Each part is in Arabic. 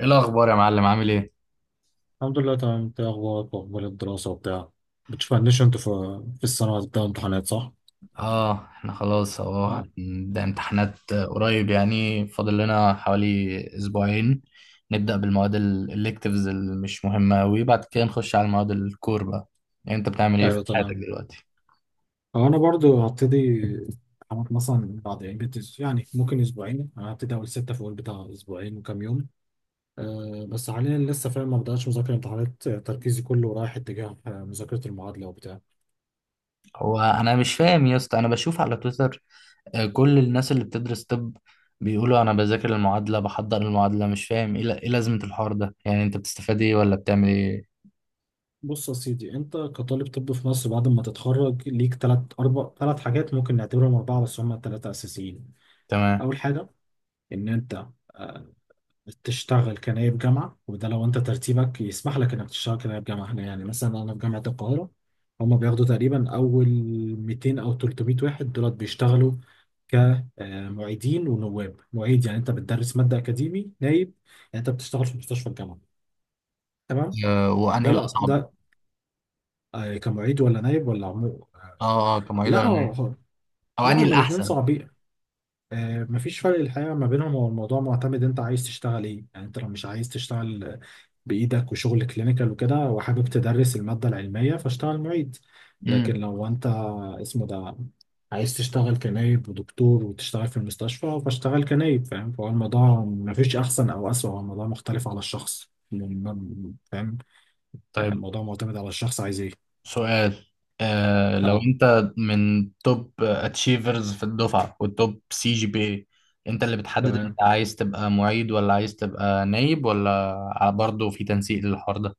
ايه الاخبار يا معلم، عامل ايه؟ الحمد لله تمام، انت ايه اخبارك واخبار الدراسة وبتاع؟ بتشوف عندش انت في السنة بتاع امتحانات صح؟ اه، احنا خلاص اهو اه، نبدا امتحانات قريب، يعني فاضل لنا حوالي اسبوعين. نبدا بالمواد الالكتيفز اللي مش مهمه قوي، بعد كده نخش على المواد الكور بقى. يعني انت بتعمل ايه في ايوه، حياتك تمام. دلوقتي؟ هو انا برضو هبتدي امتحانات مثلا بعد يعني يعني ممكن اسبوعين، انا هبتدي اول ستة في اول بتاع اسبوعين وكام يوم. بس حاليا لسه فاهم ما بداتش مذاكره امتحانات، تركيزي كله رايح اتجاه مذاكره المعادله وبتاع. هو انا مش فاهم يا اسطى، انا بشوف على تويتر، كل الناس اللي بتدرس طب بيقولوا انا بذاكر المعادله بحضر المعادله، مش فاهم إيه لازمه الحوار ده. يعني انت بتستفاد ايه ولا بتعمل ايه؟ بص يا سيدي، انت كطالب طب في مصر بعد ما تتخرج ليك ثلاث حاجات ممكن نعتبرهم اربعه، بس هم الثلاثه اساسيين. تمام. اول حاجه، ان انت آه، تشتغل كنايب جامعة. وده لو أنت ترتيبك يسمح لك إنك تشتغل كنايب جامعة هنا، يعني مثلا أنا في جامعة القاهرة، هما بياخدوا تقريبا أول 200 أو 300 واحد، دولت بيشتغلوا كمعيدين ونواب معيد. يعني أنت بتدرس مادة أكاديمي نايب، يعني أنت بتشتغل في مستشفى الجامعة. تمام. آه، ده وانهي لا الاصعب؟ ده كمعيد ولا نايب ولا عمو. اه، اه، كمعيد لا ولا، هو- او لا، انهي هما الاتنين الاحسن؟ صعبين. مفيش فرق الحقيقة ما بينهم، هو الموضوع معتمد انت عايز تشتغل ايه. يعني انت لو مش عايز تشتغل بإيدك وشغل كلينيكال وكده، وحابب تدرس المادة العلمية، فاشتغل معيد. لكن امم. لو انت اسمه ده عايز تشتغل كنايب ودكتور وتشتغل في المستشفى، فاشتغل كنايب، فاهم. فهو الموضوع مفيش أحسن أو أسوأ، هو الموضوع مختلف على الشخص. فاهم. طيب. الموضوع معتمد على الشخص عايز ايه. سؤال. آه، لو اه، انت من توب اتشيفرز في الدفعة والتوب سي جي بي اي، انت اللي بتحدد انت تمام. عايز تبقى معيد ولا عايز تبقى نايب، ولا برضه في تنسيق للحوار ده؟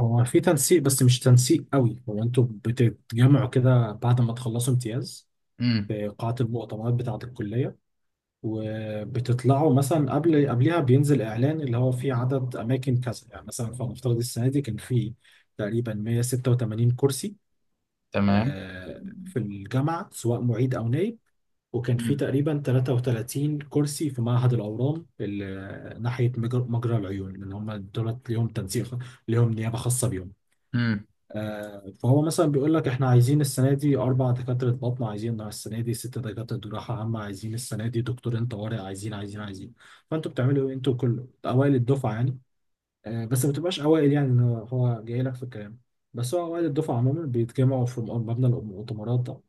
هو في تنسيق بس مش تنسيق قوي، هو انتوا بتتجمعوا كده بعد ما تخلصوا امتياز امم. في قاعة المؤتمرات بتاعة الكلية وبتطلعوا. مثلا قبلها بينزل اعلان اللي هو فيه عدد اماكن كذا. يعني مثلا فلنفترض السنة دي كان فيه تقريبا 186 كرسي تمام. في الجامعة سواء معيد او نائب، وكان فيه امم. تقريبا 33 كرسي في معهد الاورام اللي ناحية مجرى العيون. اللي هم دولت ليهم تنسيق، ليهم نيابة خاصة بيهم. امم. فهو مثلا بيقول لك احنا عايزين السنه دي اربع دكاتره بطن، عايزين السنه دي ست دكاتره جراحه عامه، عايزين السنه دي دكتورين طوارئ، عايزين عايزين عايزين. فانتوا بتعملوا ايه؟ انتوا كل اوائل الدفعه يعني بس ما بتبقاش اوائل، يعني إن هو جاي لك في الكلام. بس هو اوائل الدفعه عموما بيتجمعوا في مبنى المؤتمرات ده،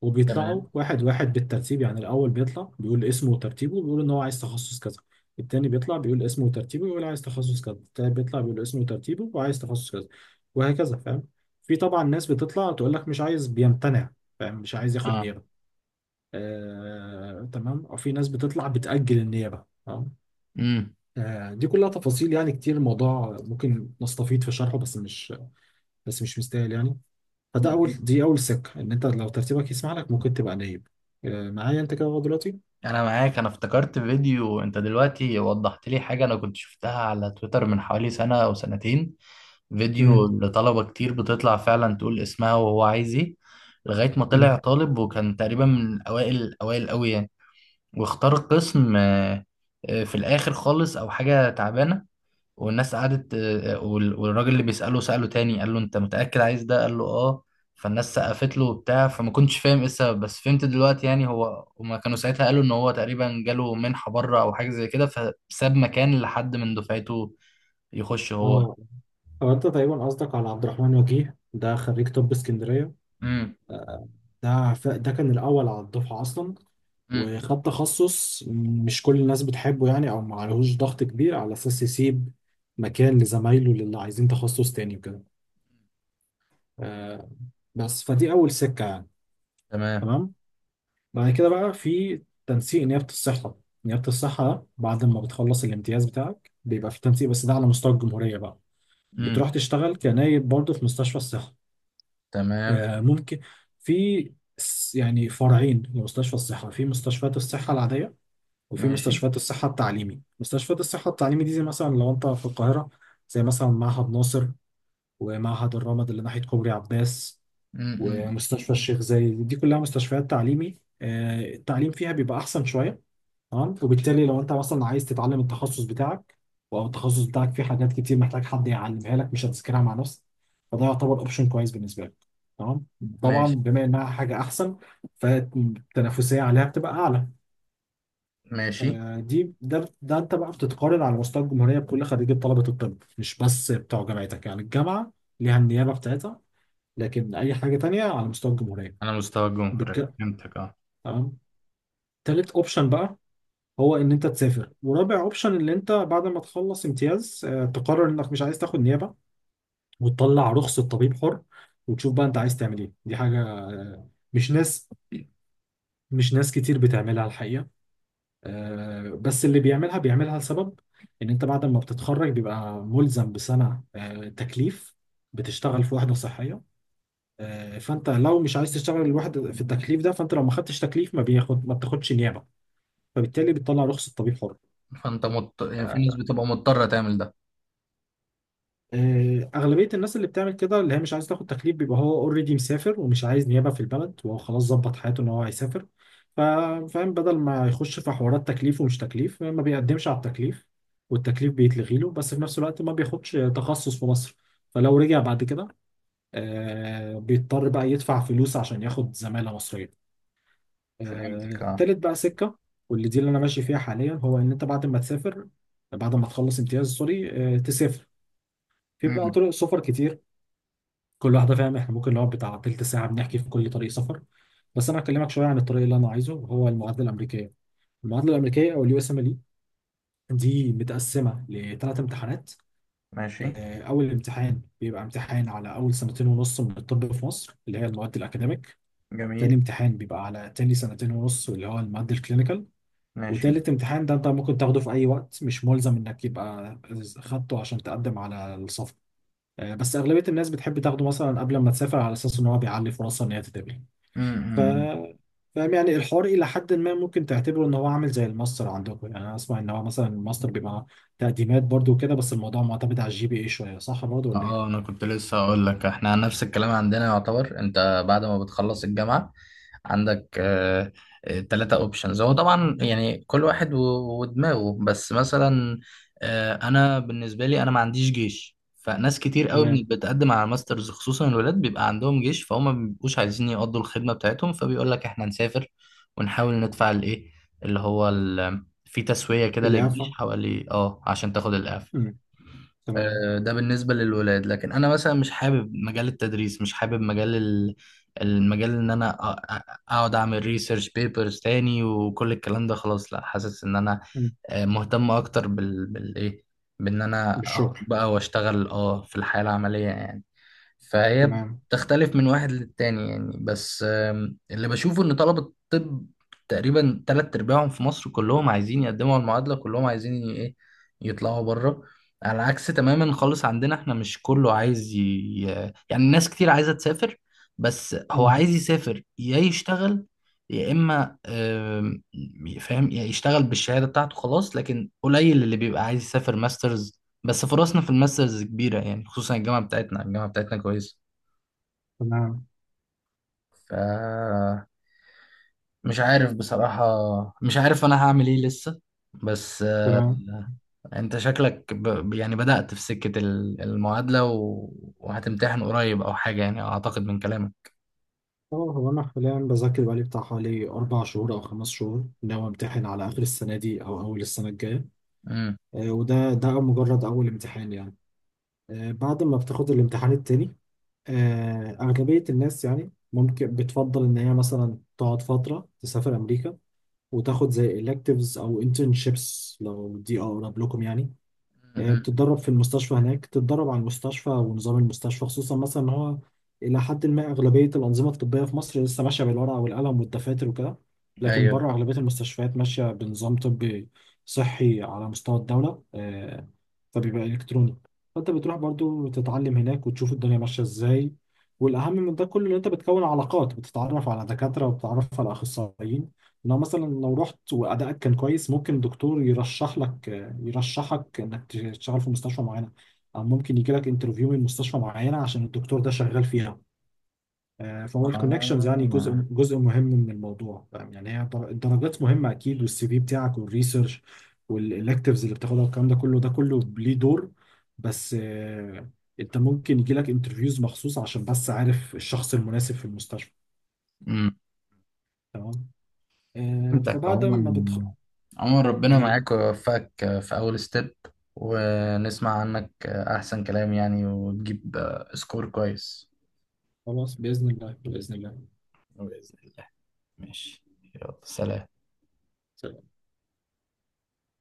وبيطلعوا تمام. واحد واحد بالترتيب. يعني الأول بيطلع بيقول اسمه وترتيبه، بيقول إن هو عايز تخصص كذا. التاني بيطلع بيقول اسمه وترتيبه، بيقول عايز تخصص كذا. التالت بيطلع بيقول اسمه وترتيبه وعايز تخصص كذا، وهكذا، فاهم. في طبعا ناس بتطلع تقول لك مش عايز، بيمتنع، فاهم، مش عايز ياخد اه. نيابة. آه، تمام. وفي ناس بتطلع بتأجل النيابة. تمام. امم. آه، دي كلها تفاصيل يعني كتير، الموضوع ممكن نستفيد في شرحه، بس مش مستاهل يعني. فده اول دي اول سكه، ان انت لو ترتيبك يسمح لك ممكن تبقى نايب. معايا انت كده لغاية دلوقتي؟ انا معاك. انا افتكرت فيديو انت دلوقتي وضحت لي حاجة، انا كنت شفتها على تويتر من حوالي سنة او سنتين. امم. فيديو لطلبة كتير بتطلع فعلا تقول اسمها وهو عايز ايه. لغاية ما طلع امم. طالب وكان تقريبا من أوائل الأوائل أوي يعني، واختار قسم في الآخر خالص أو حاجة تعبانة. والناس قعدت والراجل اللي بيسأله سأله تاني، قال له: أنت متأكد عايز ده؟ قال له: آه. فالناس سقفت له وبتاع، فما كنتش فاهم ايه السبب، بس فهمت دلوقتي. يعني هو هما كانوا ساعتها قالوا ان هو تقريبا جاله منحة بره او حاجة زي كده، فساب مكان لحد من دفعته يخش هو. اه، هو انت تقريبا قصدك على عبد الرحمن وجيه، ده خريج طب اسكندريه. امم. آه، ده ده كان الاول على الدفعه اصلا، امم. وخد تخصص مش كل الناس بتحبه يعني، او ما عليهوش ضغط كبير على اساس يسيب مكان لزمايله اللي عايزين تخصص تاني وكده. آه، بس فدي اول سكه يعني. تمام. تمام. بعد كده بقى في تنسيق نيابة الصحة. نيابة الصحة ده بعد ما بتخلص الامتياز بتاعك بيبقى في تنسيق، بس ده على مستوى الجمهورية بقى. امم. بتروح تشتغل كنايب برضه في مستشفى الصحة. تمام. آه، ممكن في يعني فرعين لمستشفى الصحة: في مستشفيات الصحة العادية، وفي ماشي. مستشفيات الصحة التعليمي. مستشفيات الصحة التعليمي دي، زي مثلا لو أنت في القاهرة، زي مثلا معهد ناصر، ومعهد الرمد اللي ناحية كوبري عباس، امم. ومستشفى الشيخ زايد، دي كلها مستشفيات تعليمي. التعليم فيها بيبقى أحسن شوية. تمام. وبالتالي لو انت مثلا عايز تتعلم التخصص بتاعك، او التخصص بتاعك فيه حاجات كتير محتاج حد يعلمها لك مش هتذاكرها مع نفسك، فده يعتبر اوبشن كويس بالنسبه لك. تمام. طبعا ماشي. بما انها حاجه احسن، فالتنافسيه عليها بتبقى اعلى. ماشي. دي ده ده انت بقى بتتقارن على مستوى الجمهوريه بكل خريجي طلبه الطب، مش بس بتوع جامعتك. يعني الجامعه ليها النيابه بتاعتها، لكن اي حاجه تانية على مستوى الجمهوريه. على مستوى الجمهورية، بالك- فهمتك، اه. تمام. تالت اوبشن بقى هو ان انت تسافر. ورابع اوبشن ان انت بعد ما تخلص امتياز تقرر انك مش عايز تاخد نيابه، وتطلع رخصه طبيب حر، وتشوف بقى انت عايز تعمل ايه. دي حاجه مش ناس كتير بتعملها الحقيقه. بس اللي بيعملها بيعملها لسبب. ان انت بعد ما بتتخرج بيبقى ملزم بسنه تكليف، بتشتغل في وحده صحيه. فانت لو مش عايز تشتغل الواحد في التكليف ده، فانت لو ما خدتش تكليف ما بتاخدش نيابه، فبالتالي بتطلع رخصه طبيب حر. يعني في ناس آه، بتبقى مضطرة تعمل ده؟ أغلبية الناس اللي بتعمل كده، اللي هي مش عايز تاخد تكليف، بيبقى هو اوريدي مسافر ومش عايز نيابة في البلد، وهو خلاص ظبط حياته إن هو هيسافر. ف- فاهم، بدل ما يخش في حوارات تكليف ومش تكليف، ما بيقدمش على التكليف، والتكليف بيتلغي له. بس في نفس الوقت ما بياخدش تخصص في مصر، فلو رجع بعد كده بيضطر بقى يدفع فلوس عشان ياخد زمالة مصرية. فهمتك، اه. التالت بقى سكة، واللي دي اللي أنا ماشي فيها حاليا، هو إن أنت بعد ما تسافر، بعد ما تخلص امتياز، سوري، تسافر. في بقى امم. طرق سفر كتير، كل واحده، فاهم، احنا ممكن نقعد بتاع تلت ساعه بنحكي في كل طريق سفر، بس انا هكلمك شويه عن الطريق اللي انا عايزه، وهو المعادله الامريكيه. المعادله الامريكيه او الUSMLE دي متقسمه لثلاث امتحانات. ماشي. اول امتحان بيبقى امتحان على اول سنتين ونص من الطب في مصر، اللي هي المواد الاكاديميك. تاني جميل. امتحان بيبقى على تاني سنتين ونص، اللي هو المواد الكلينيكال. ماشي. وتالت امتحان ده انت ممكن تاخده في اي وقت، مش ملزم انك يبقى خدته عشان تقدم على السفر. بس اغلبيه الناس بتحب تاخده مثلا قبل ما تسافر، على اساس ان هو بيعلي فرصها ان هي تتقبل. ف امم. فاهم يعني الحوار إلى حد ما ممكن تعتبره إن هو عامل زي الماستر عندكم. يعني أنا أسمع إن هو مثلا الماستر بيبقى تقديمات برضو كده، بس الموضوع معتمد على الGPA شوية، صح برضو ولا إيه؟ اه، انا كنت لسه هقول لك، احنا نفس الكلام عندنا يعتبر. انت بعد ما بتخلص الجامعة عندك تلاتة اوبشنز. هو طبعا يعني كل واحد ودماغه، بس مثلا انا بالنسبه لي، انا ما عنديش جيش. فناس كتير قوي من اللي تمام. بتقدم على الماسترز، خصوصا الولاد، بيبقى عندهم جيش، فهم ما بيبقوش عايزين يقضوا الخدمه بتاعتهم، فبيقول لك احنا نسافر ونحاول ندفع الايه، اللي هو في تسويه كده للجيش الإعفاء. حوالي عشان تاخد الاعفاء. أمم. تمام. ده بالنسبة للولاد. لكن أنا مثلا مش حابب مجال التدريس، مش حابب المجال، إن أنا أقعد أعمل ريسيرش بيبرز تاني وكل الكلام ده خلاص. لا، حاسس إن أنا أمم. مهتم أكتر بالإيه، بإن أنا أخد بالشغل. بقى وأشتغل في الحياة العملية يعني. فهي تمام. بتختلف من واحد للتاني يعني، بس اللي بشوفه ان طلبة الطب تقريبا تلات ارباعهم في مصر كلهم عايزين يقدموا على المعادلة، كلهم عايزين ايه، يطلعوا بره. على عكس تماما خالص عندنا احنا، مش كله عايز يعني ناس كتير عايزة تسافر، بس هو أمم. عايز يسافر يا يشتغل، يا اما فاهم، يا يشتغل بالشهادة بتاعته خلاص. لكن قليل اللي بيبقى عايز يسافر ماسترز، بس فرصنا في الماسترز كبيرة يعني، خصوصا الجامعة بتاعتنا، الجامعة بتاعتنا كويسة. تمام. ف مش عارف بصراحة. مش عارف أنا هعمل إيه لسه. بس تمام. أنت شكلك يعني بدأت في سكة المعادلة وهتمتحن قريب أو حاجة يعني، أعتقد من كلامك. اه، هو أنا حاليا بذاكر بقالي بتاع حوالي 4 شهور أو 5 شهور، ناوي أمتحن على آخر السنة دي أو أول السنة الجاية. امم. وده مجرد أول امتحان يعني. بعد ما بتاخد الامتحان التاني، أغلبية الناس يعني ممكن بتفضل إن هي مثلا تقعد فترة تسافر أمريكا، وتاخد زي electives أو internships، لو دي أقرب لكم يعني. أمم. بتتدرب في المستشفى هناك، تتدرب على المستشفى ونظام المستشفى، خصوصا مثلا ان هو الى حد ما اغلبيه الانظمه الطبيه في مصر لسه ماشيه بالورقه والقلم والدفاتر وكده، لكن أيوه. بره اغلبيه المستشفيات ماشيه بنظام طبي صحي على مستوى الدوله فبيبقى الكتروني. فانت بتروح برضو تتعلم هناك، وتشوف الدنيا ماشيه ازاي. والاهم من ده كله، ان انت بتكون علاقات، بتتعرف على دكاتره وبتتعرف على اخصائيين. لو مثلا لو رحت وادائك كان كويس، ممكن دكتور يرشحك انك تشتغل في مستشفى معينه، او ممكن يجي لك انترفيو من مستشفى معينه عشان الدكتور ده شغال فيها. فهو الكونكشنز يعني جزء آه. جزء مهم من الموضوع، فاهم؟ يعني هي الدرجات مهمه اكيد، والسي في بتاعك، والريسيرش، والالكتيفز اللي بتاخدها، والكلام ده كله ليه دور. بس انت ممكن يجي لك انترفيوز مخصوص عشان بس عارف الشخص المناسب في المستشفى. امم. تمام. فهمتك فبعد عموما. ما بتخ... عموما ربنا آه، معاك ويوفقك في أول ستيب، ونسمع عنك أحسن كلام يعني، وتجيب سكور كويس. خلاص باذن الله. باذن الله. بإذن الله. ماشي. يلا، سلام.